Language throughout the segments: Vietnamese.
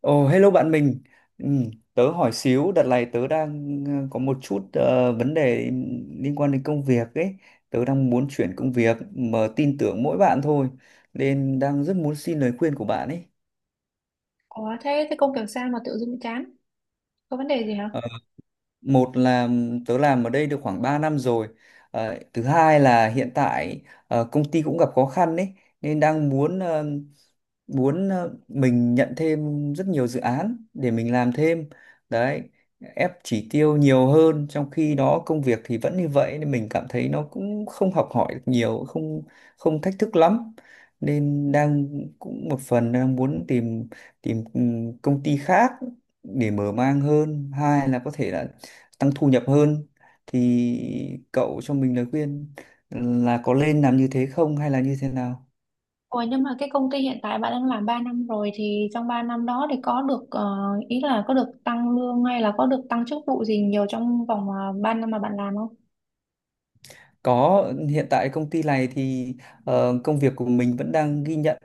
Ồ, hello bạn mình. Ừ, tớ hỏi xíu, đợt này tớ đang có một chút vấn đề liên quan đến công việc ấy. Tớ đang muốn chuyển công việc mà tin tưởng mỗi bạn thôi. Nên đang rất muốn xin lời khuyên của bạn ấy. Ủa thế thế công việc sao mà tự dưng chán? Có vấn đề gì hả? Ờ, một là tớ làm ở đây được khoảng 3 năm rồi. Thứ hai là hiện tại công ty cũng gặp khó khăn ấy. Nên đang muốn muốn ờ, mình nhận thêm rất nhiều dự án để mình làm thêm đấy, ép chỉ tiêu nhiều hơn, trong khi đó công việc thì vẫn như vậy nên mình cảm thấy nó cũng không học hỏi được nhiều, không không thách thức lắm, nên đang cũng một phần đang muốn tìm, tìm công ty khác để mở mang hơn, hai là có thể là tăng thu nhập hơn. Thì cậu cho mình lời khuyên là có nên làm như thế không hay là như thế nào? Ủa nhưng mà cái công ty hiện tại bạn đang làm 3 năm rồi thì trong 3 năm đó thì có được ý là có được tăng lương hay là có được tăng chức vụ gì nhiều trong vòng 3 năm mà bạn làm không? Có, hiện tại công ty này thì công việc của mình vẫn đang ghi nhận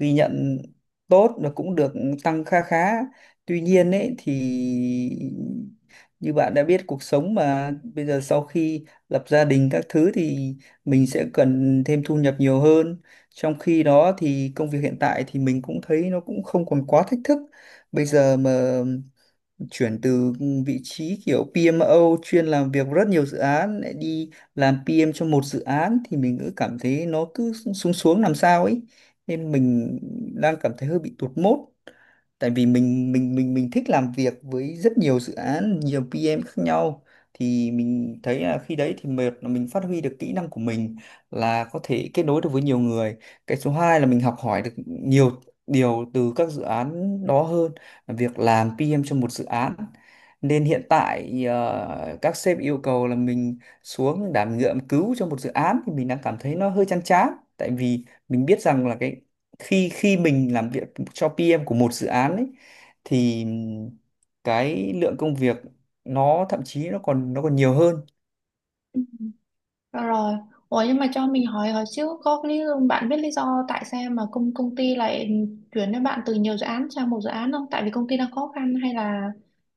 ghi nhận tốt và cũng được tăng kha khá. Tuy nhiên ấy thì như bạn đã biết, cuộc sống mà bây giờ sau khi lập gia đình các thứ thì mình sẽ cần thêm thu nhập nhiều hơn. Trong khi đó thì công việc hiện tại thì mình cũng thấy nó cũng không còn quá thách thức. Bây giờ mà chuyển từ vị trí kiểu PMO chuyên làm việc rất nhiều dự án lại đi làm PM cho một dự án thì mình cứ cảm thấy nó cứ xuống xuống làm sao ấy, nên mình đang cảm thấy hơi bị tụt mood, tại vì mình thích làm việc với rất nhiều dự án, nhiều PM khác nhau. Thì mình thấy là khi đấy thì mệt là mình phát huy được kỹ năng của mình, là có thể kết nối được với nhiều người. Cái số 2 là mình học hỏi được nhiều điều từ các dự án đó hơn là việc làm PM cho một dự án. Nên hiện tại các sếp yêu cầu là mình xuống đảm nhiệm cứu cho một dự án thì mình đang cảm thấy nó hơi chán chán, tại vì mình biết rằng là cái khi khi mình làm việc cho PM của một dự án ấy thì cái lượng công việc nó thậm chí nó còn nhiều hơn. Rồi, rồi. Ủa nhưng mà cho mình hỏi hỏi xíu có lý bạn biết lý do tại sao mà công công ty lại chuyển cho bạn từ nhiều dự án sang một dự án không? Tại vì công ty đang khó khăn hay là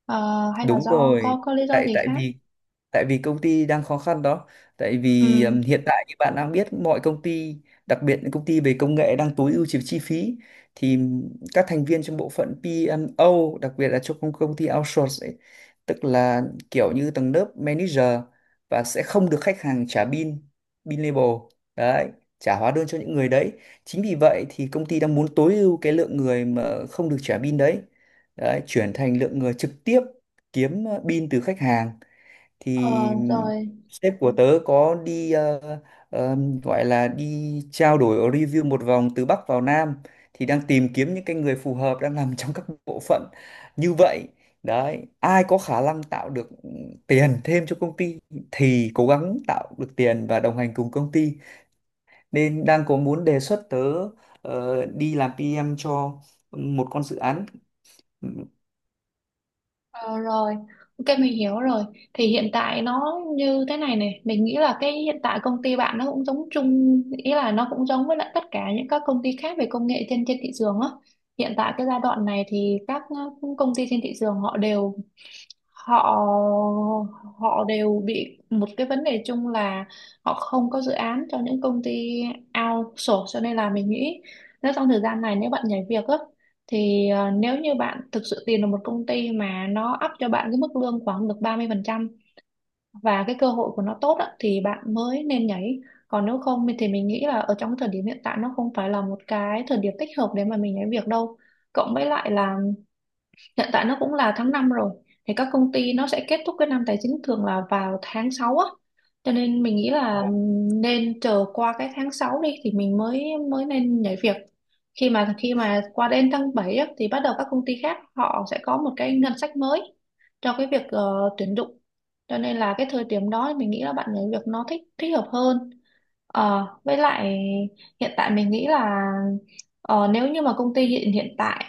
hay là Đúng do rồi, có lý do tại gì khác? Tại vì công ty đang khó khăn đó. Tại vì Ừ. Hiện tại như bạn đang biết, mọi công ty, đặc biệt những công ty về công nghệ, đang tối ưu chi chi phí, thì các thành viên trong bộ phận PMO, đặc biệt là trong công công ty outsource ấy, tức là kiểu như tầng lớp manager, và sẽ không được khách hàng trả bill, bill label. Đấy, trả hóa đơn cho những người đấy. Chính vì vậy thì công ty đang muốn tối ưu cái lượng người mà không được trả bill đấy, chuyển thành lượng người trực tiếp kiếm pin từ khách hàng. Thì Ờ rồi. sếp của tớ có đi ờ, gọi là đi trao đổi review một vòng từ Bắc vào Nam, thì đang tìm kiếm những cái người phù hợp đang làm trong các bộ phận như vậy. Đấy, ai có khả năng tạo được tiền thêm cho công ty thì cố gắng tạo được tiền và đồng hành cùng công ty, nên đang có muốn đề xuất tớ đi làm PM cho một con dự án. Ờ, rồi, ok mình hiểu rồi. Thì hiện tại nó như thế này này, mình nghĩ là cái hiện tại công ty bạn nó cũng giống chung, ý là nó cũng giống với lại tất cả những các công ty khác về công nghệ trên trên thị trường á. Hiện tại cái giai đoạn này thì các công ty trên thị trường họ họ đều bị một cái vấn đề chung là họ không có dự án cho những công ty outsource cho nên là mình nghĩ nếu trong thời gian này nếu bạn nhảy việc á thì nếu như bạn thực sự tìm được một công ty mà nó up cho bạn cái mức lương khoảng được 30% và cái cơ hội của nó tốt á, thì bạn mới nên nhảy, còn nếu không thì mình nghĩ là ở trong cái thời điểm hiện tại nó không phải là một cái thời điểm thích hợp để mà mình nhảy việc đâu, cộng với lại là hiện tại nó cũng là tháng 5 rồi thì các công ty nó sẽ kết thúc cái năm tài chính thường là vào tháng 6 á, cho nên mình nghĩ Ồ, là nên chờ qua cái tháng 6 đi thì mình mới mới nên nhảy việc. Khi mà qua đến tháng 7 á, thì bắt đầu các công ty khác họ sẽ có một cái ngân sách mới cho cái việc tuyển dụng, cho nên là cái thời điểm đó mình nghĩ là bạn nhảy việc nó thích thích hợp hơn. Ờ, với lại hiện tại mình nghĩ là, ờ, nếu như mà công ty hiện hiện tại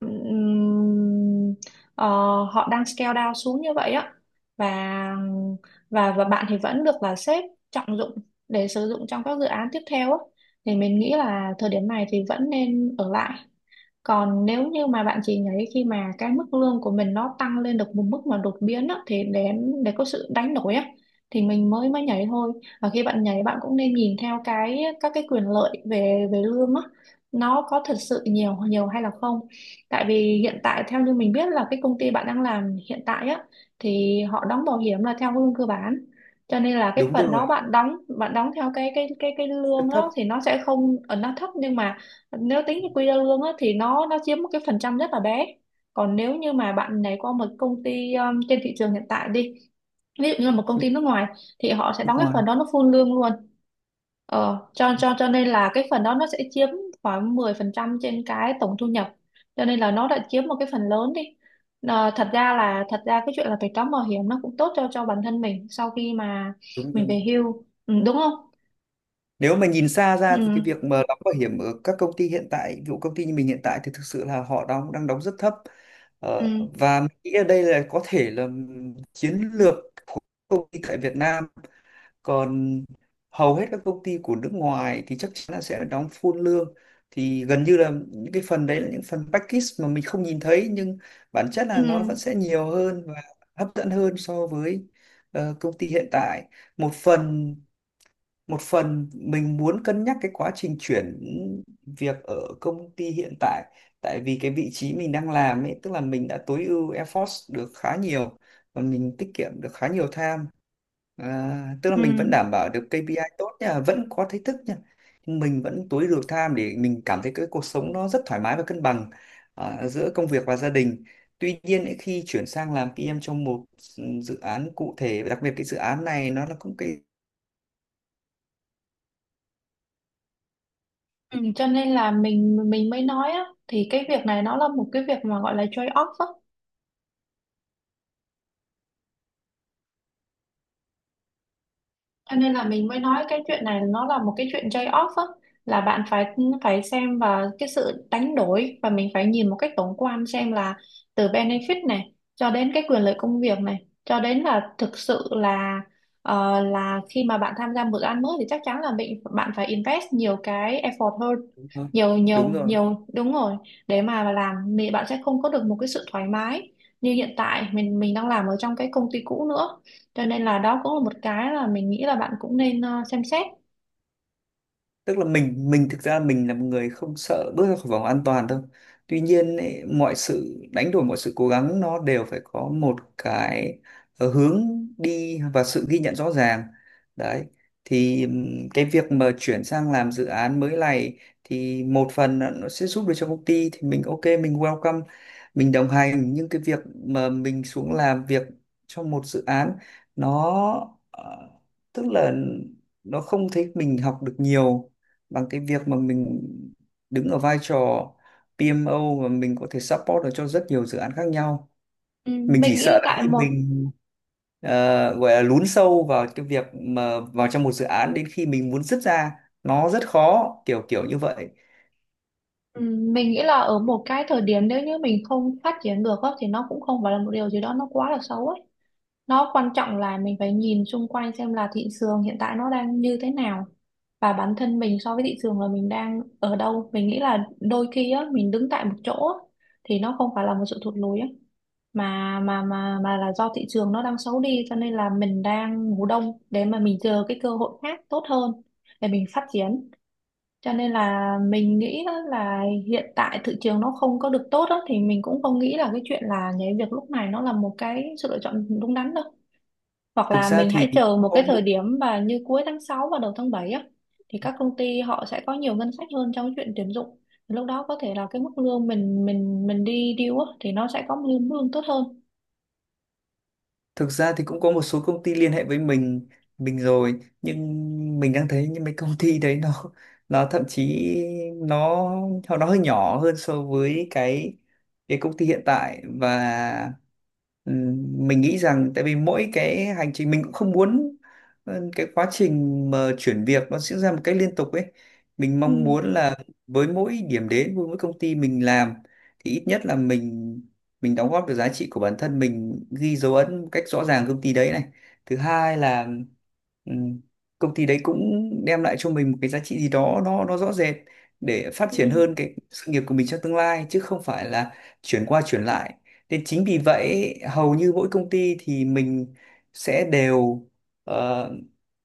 ừm, ờ, họ đang scale down xuống như vậy á, và và bạn thì vẫn được là sếp trọng dụng để sử dụng trong các dự án tiếp theo á, thì mình nghĩ là thời điểm này thì vẫn nên ở lại, còn nếu như mà bạn chỉ nhảy khi mà cái mức lương của mình nó tăng lên được một mức mà đột biến á, thì để có sự đánh đổi á thì mình mới mới nhảy thôi. Và khi bạn nhảy bạn cũng nên nhìn theo cái các cái quyền lợi về về lương á, nó có thật sự nhiều nhiều hay là không. Tại vì hiện tại theo như mình biết là cái công ty bạn đang làm hiện tại á, thì họ đóng bảo hiểm là theo lương cơ bản. Cho nên là cái đúng phần đó rồi. Bạn đóng theo cái Cấp lương thấp. đó thì nó sẽ không ở nó thấp, nhưng mà nếu tính cho quy ra lương á, thì nó chiếm một cái phần trăm rất là bé. Còn nếu như mà bạn này qua một công ty trên thị trường hiện tại đi, ví dụ như là một công ty nước ngoài thì họ sẽ Nước đóng cái ngoài. phần đó nó full lương luôn. Cho nên là cái phần đó nó sẽ chiếm khoảng 10% trên cái tổng thu nhập, cho nên là nó đã chiếm một cái phần lớn đi. Ờ, thật ra là thật ra cái chuyện là phải đóng bảo hiểm nó cũng tốt cho bản thân mình sau khi mà Đúng mình rồi. về hưu, ừ, đúng không. Nếu mà nhìn xa ra thì cái ừ, việc mà đóng bảo hiểm ở các công ty hiện tại, ví dụ công ty như mình hiện tại, thì thực sự là họ đóng đang đóng rất thấp. ờ, ừ, và mình nghĩ ở đây là có thể là chiến lược của công ty tại Việt Nam, còn hầu hết các công ty của nước ngoài thì chắc chắn là sẽ đóng full lương, thì gần như là những cái phần đấy là những phần package mà mình không nhìn thấy, nhưng bản chất ừ, là nó vẫn sẽ nhiều hơn và hấp dẫn hơn so với công ty hiện tại. Một phần một phần mình muốn cân nhắc cái quá trình chuyển việc ở công ty hiện tại, tại vì cái vị trí mình đang làm ấy tức là mình đã tối ưu effort được khá nhiều và mình tiết kiệm được khá nhiều time. À, tức là ừ. mình vẫn đảm bảo được KPI tốt nha, vẫn có thách thức nha, nhưng mình vẫn tối ưu được time để mình cảm thấy cái cuộc sống nó rất thoải mái và cân bằng, à, giữa công việc và gia đình. Tuy nhiên ấy, khi chuyển sang làm PM trong một dự án cụ thể, đặc biệt cái dự án này nó là cũng cái... Ừ, cho nên là mình mới nói á thì cái việc này nó là một cái việc mà gọi là trade off á. Cho nên là mình mới nói cái chuyện này nó là một cái chuyện trade-off á, là bạn phải phải xem và cái sự đánh đổi và mình phải nhìn một cách tổng quan xem là từ benefit này cho đến cái quyền lợi công việc này cho đến là thực sự là, là khi mà bạn tham gia một dự án mới thì chắc chắn là bạn phải invest nhiều cái effort hơn, Đúng rồi. nhiều nhiều Đúng rồi. nhiều đúng rồi, để mà làm thì bạn sẽ không có được một cái sự thoải mái như hiện tại mình đang làm ở trong cái công ty cũ nữa, cho nên là đó cũng là một cái là mình nghĩ là bạn cũng nên xem xét. Tức là mình thực ra mình là một người không sợ bước ra khỏi vòng an toàn đâu. Tuy nhiên ấy, mọi sự đánh đổi, mọi sự cố gắng nó đều phải có một cái hướng đi và sự ghi nhận rõ ràng. Đấy, thì cái việc mà chuyển sang làm dự án mới này thì một phần là nó sẽ giúp được cho công ty thì mình ok, mình welcome, mình đồng hành, nhưng cái việc mà mình xuống làm việc trong một dự án, nó tức là nó không thấy mình học được nhiều bằng cái việc mà mình đứng ở vai trò PMO và mình có thể support được cho rất nhiều dự án khác nhau. Ừ, Mình chỉ mình nghĩ là sợ là tại khi một, mình ờ, gọi là lún sâu vào cái việc mà vào trong một dự án, đến khi mình muốn dứt ra nó rất khó, kiểu kiểu như vậy. ừ, mình nghĩ là ở một cái thời điểm nếu như mình không phát triển được á, thì nó cũng không phải là một điều gì đó nó quá là xấu ấy. Nó quan trọng là mình phải nhìn xung quanh xem là thị trường hiện tại nó đang như thế nào và bản thân mình so với thị trường là mình đang ở đâu. Mình nghĩ là đôi khi á mình đứng tại một chỗ á, thì nó không phải là một sự thụt lùi á, mà là do thị trường nó đang xấu đi cho nên là mình đang ngủ đông để mà mình chờ cái cơ hội khác tốt hơn để mình phát triển. Cho nên là mình nghĩ á là hiện tại thị trường nó không có được tốt á, thì mình cũng không nghĩ là cái chuyện là nhảy việc lúc này nó là một cái sự lựa chọn đúng đắn đâu, hoặc thực là ra mình thì hãy chờ cũng một cái thời có điểm và như cuối tháng 6 và đầu tháng 7 á, thì các công ty họ sẽ có nhiều ngân sách hơn trong cái chuyện tuyển dụng, lúc đó có thể là cái mức lương mình đi deal á, thì nó sẽ có một lương lương tốt hơn. Thực ra thì cũng có một số công ty liên hệ với mình rồi, nhưng mình đang thấy những mấy công ty đấy nó nó thậm chí nó nó nó hơi nhỏ hơn so với cái công ty hiện tại, và mình nghĩ rằng tại vì mỗi cái hành trình mình cũng không muốn cái quá trình mà chuyển việc nó diễn ra một cách liên tục ấy. Mình mong Ừ. muốn là với mỗi điểm đến, với mỗi công ty mình làm thì ít nhất là mình đóng góp được giá trị của bản thân, mình ghi dấu ấn một cách rõ ràng công ty đấy này. Thứ hai là ừm, công ty đấy cũng đem lại cho mình một cái giá trị gì đó nó rõ rệt để phát triển Ừ. hơn cái sự nghiệp của mình trong tương lai, chứ không phải là chuyển qua chuyển lại. Nên chính vì vậy hầu như mỗi công ty thì mình sẽ đều ờ,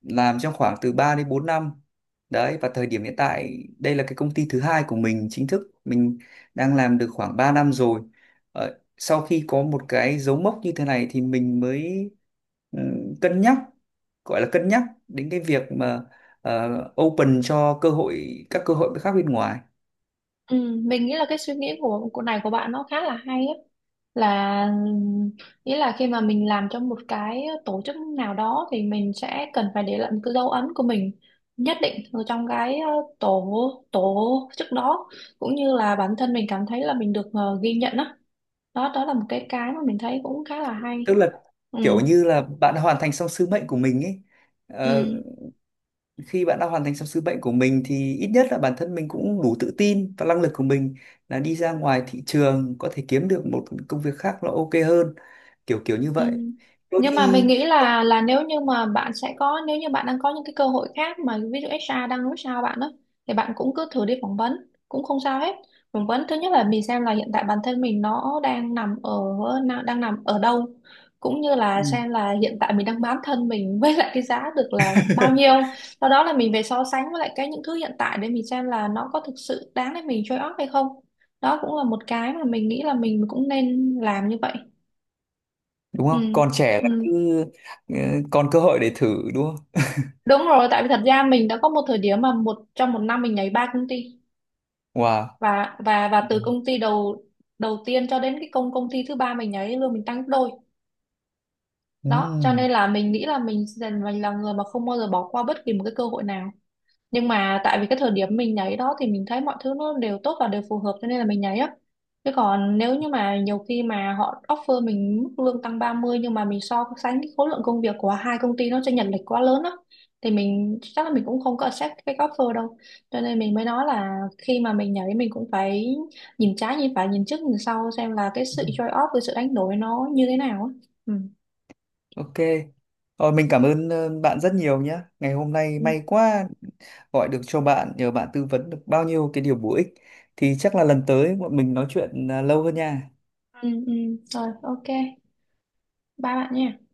làm trong khoảng từ 3 đến 4 năm. Đấy, và thời điểm hiện tại đây là cái công ty thứ hai của mình, chính thức mình đang làm được khoảng 3 năm rồi. Ờ, Sau khi có một cái dấu mốc như thế này thì mình mới ừ, cân nhắc, gọi là cân nhắc đến cái việc mà ờ, open cho cơ hội, các cơ hội khác bên ngoài. Ừ. Mình nghĩ là cái suy nghĩ của này của bạn nó khá là hay á, là nghĩa là khi mà mình làm trong một cái tổ chức nào đó thì mình sẽ cần phải để lại một cái dấu ấn của mình nhất định ở trong cái, tổ tổ chức đó, cũng như là bản thân mình cảm thấy là mình được ghi nhận á. Đó, đó là một cái mà mình thấy cũng khá là Tức hay. là Ừ. kiểu như là bạn đã hoàn thành xong sứ mệnh của mình ấy. Ờ, Ừ. Khi bạn đã hoàn thành xong sứ mệnh của mình thì ít nhất là bản thân mình cũng đủ tự tin và năng lực của mình là đi ra ngoài thị trường có thể kiếm được một công việc khác nó ok hơn, kiểu kiểu như Ừ. vậy. Đôi Nhưng mà mình khi nghĩ là nếu như mà bạn sẽ có nếu như bạn đang có những cái cơ hội khác mà ví dụ HR đang nói sao bạn đó, thì bạn cũng cứ thử đi phỏng vấn cũng không sao hết. Phỏng vấn thứ nhất là mình xem là hiện tại bản thân mình nó đang nằm ở đang nằm ở đâu, cũng như ừ, là xem là hiện tại mình đang bán thân mình với lại cái giá được là bao nhiêu, sau đó là mình về so sánh với lại cái những thứ hiện tại để mình xem là nó có thực sự đáng để mình trade off hay không. Đó cũng là một cái mà mình nghĩ là mình cũng nên làm như vậy. đúng không, Ừ. còn trẻ là Ừ. cứ ờ, còn cơ hội để thử đúng không? Đúng rồi, tại vì thật ra mình đã có một thời điểm mà trong một năm mình nhảy ba công ty, Wow. và từ công ty đầu đầu tiên cho đến cái công công ty thứ ba mình nhảy lương mình tăng gấp đôi. Đó cho Ừm, nên là mình nghĩ là mình là người mà không bao giờ bỏ qua bất kỳ một cái cơ hội nào, nhưng mà tại vì cái thời điểm mình nhảy đó thì mình thấy mọi thứ nó đều tốt và đều phù hợp cho nên là mình nhảy á, chứ còn nếu như mà nhiều khi mà họ offer mình mức lương tăng 30 nhưng mà mình so sánh cái khối lượng công việc của hai công ty nó chênh lệch quá lớn á, thì mình chắc là mình cũng không có accept cái offer đâu. Cho nên mình mới nói là khi mà mình nhảy mình cũng phải nhìn trái nhìn phải nhìn trước nhìn sau xem là cái sự trade off cái sự đánh đổi nó như thế nào á. Ừ. ok. Ờ, mình cảm ơn bạn rất nhiều nhé, ngày hôm nay Ừ. may quá gọi được cho bạn, nhờ bạn tư vấn được bao nhiêu cái điều bổ ích. Thì chắc là lần tới bọn mình nói chuyện à, lâu hơn nha. Ừ, ừ. Rồi, ok, ba bạn nha.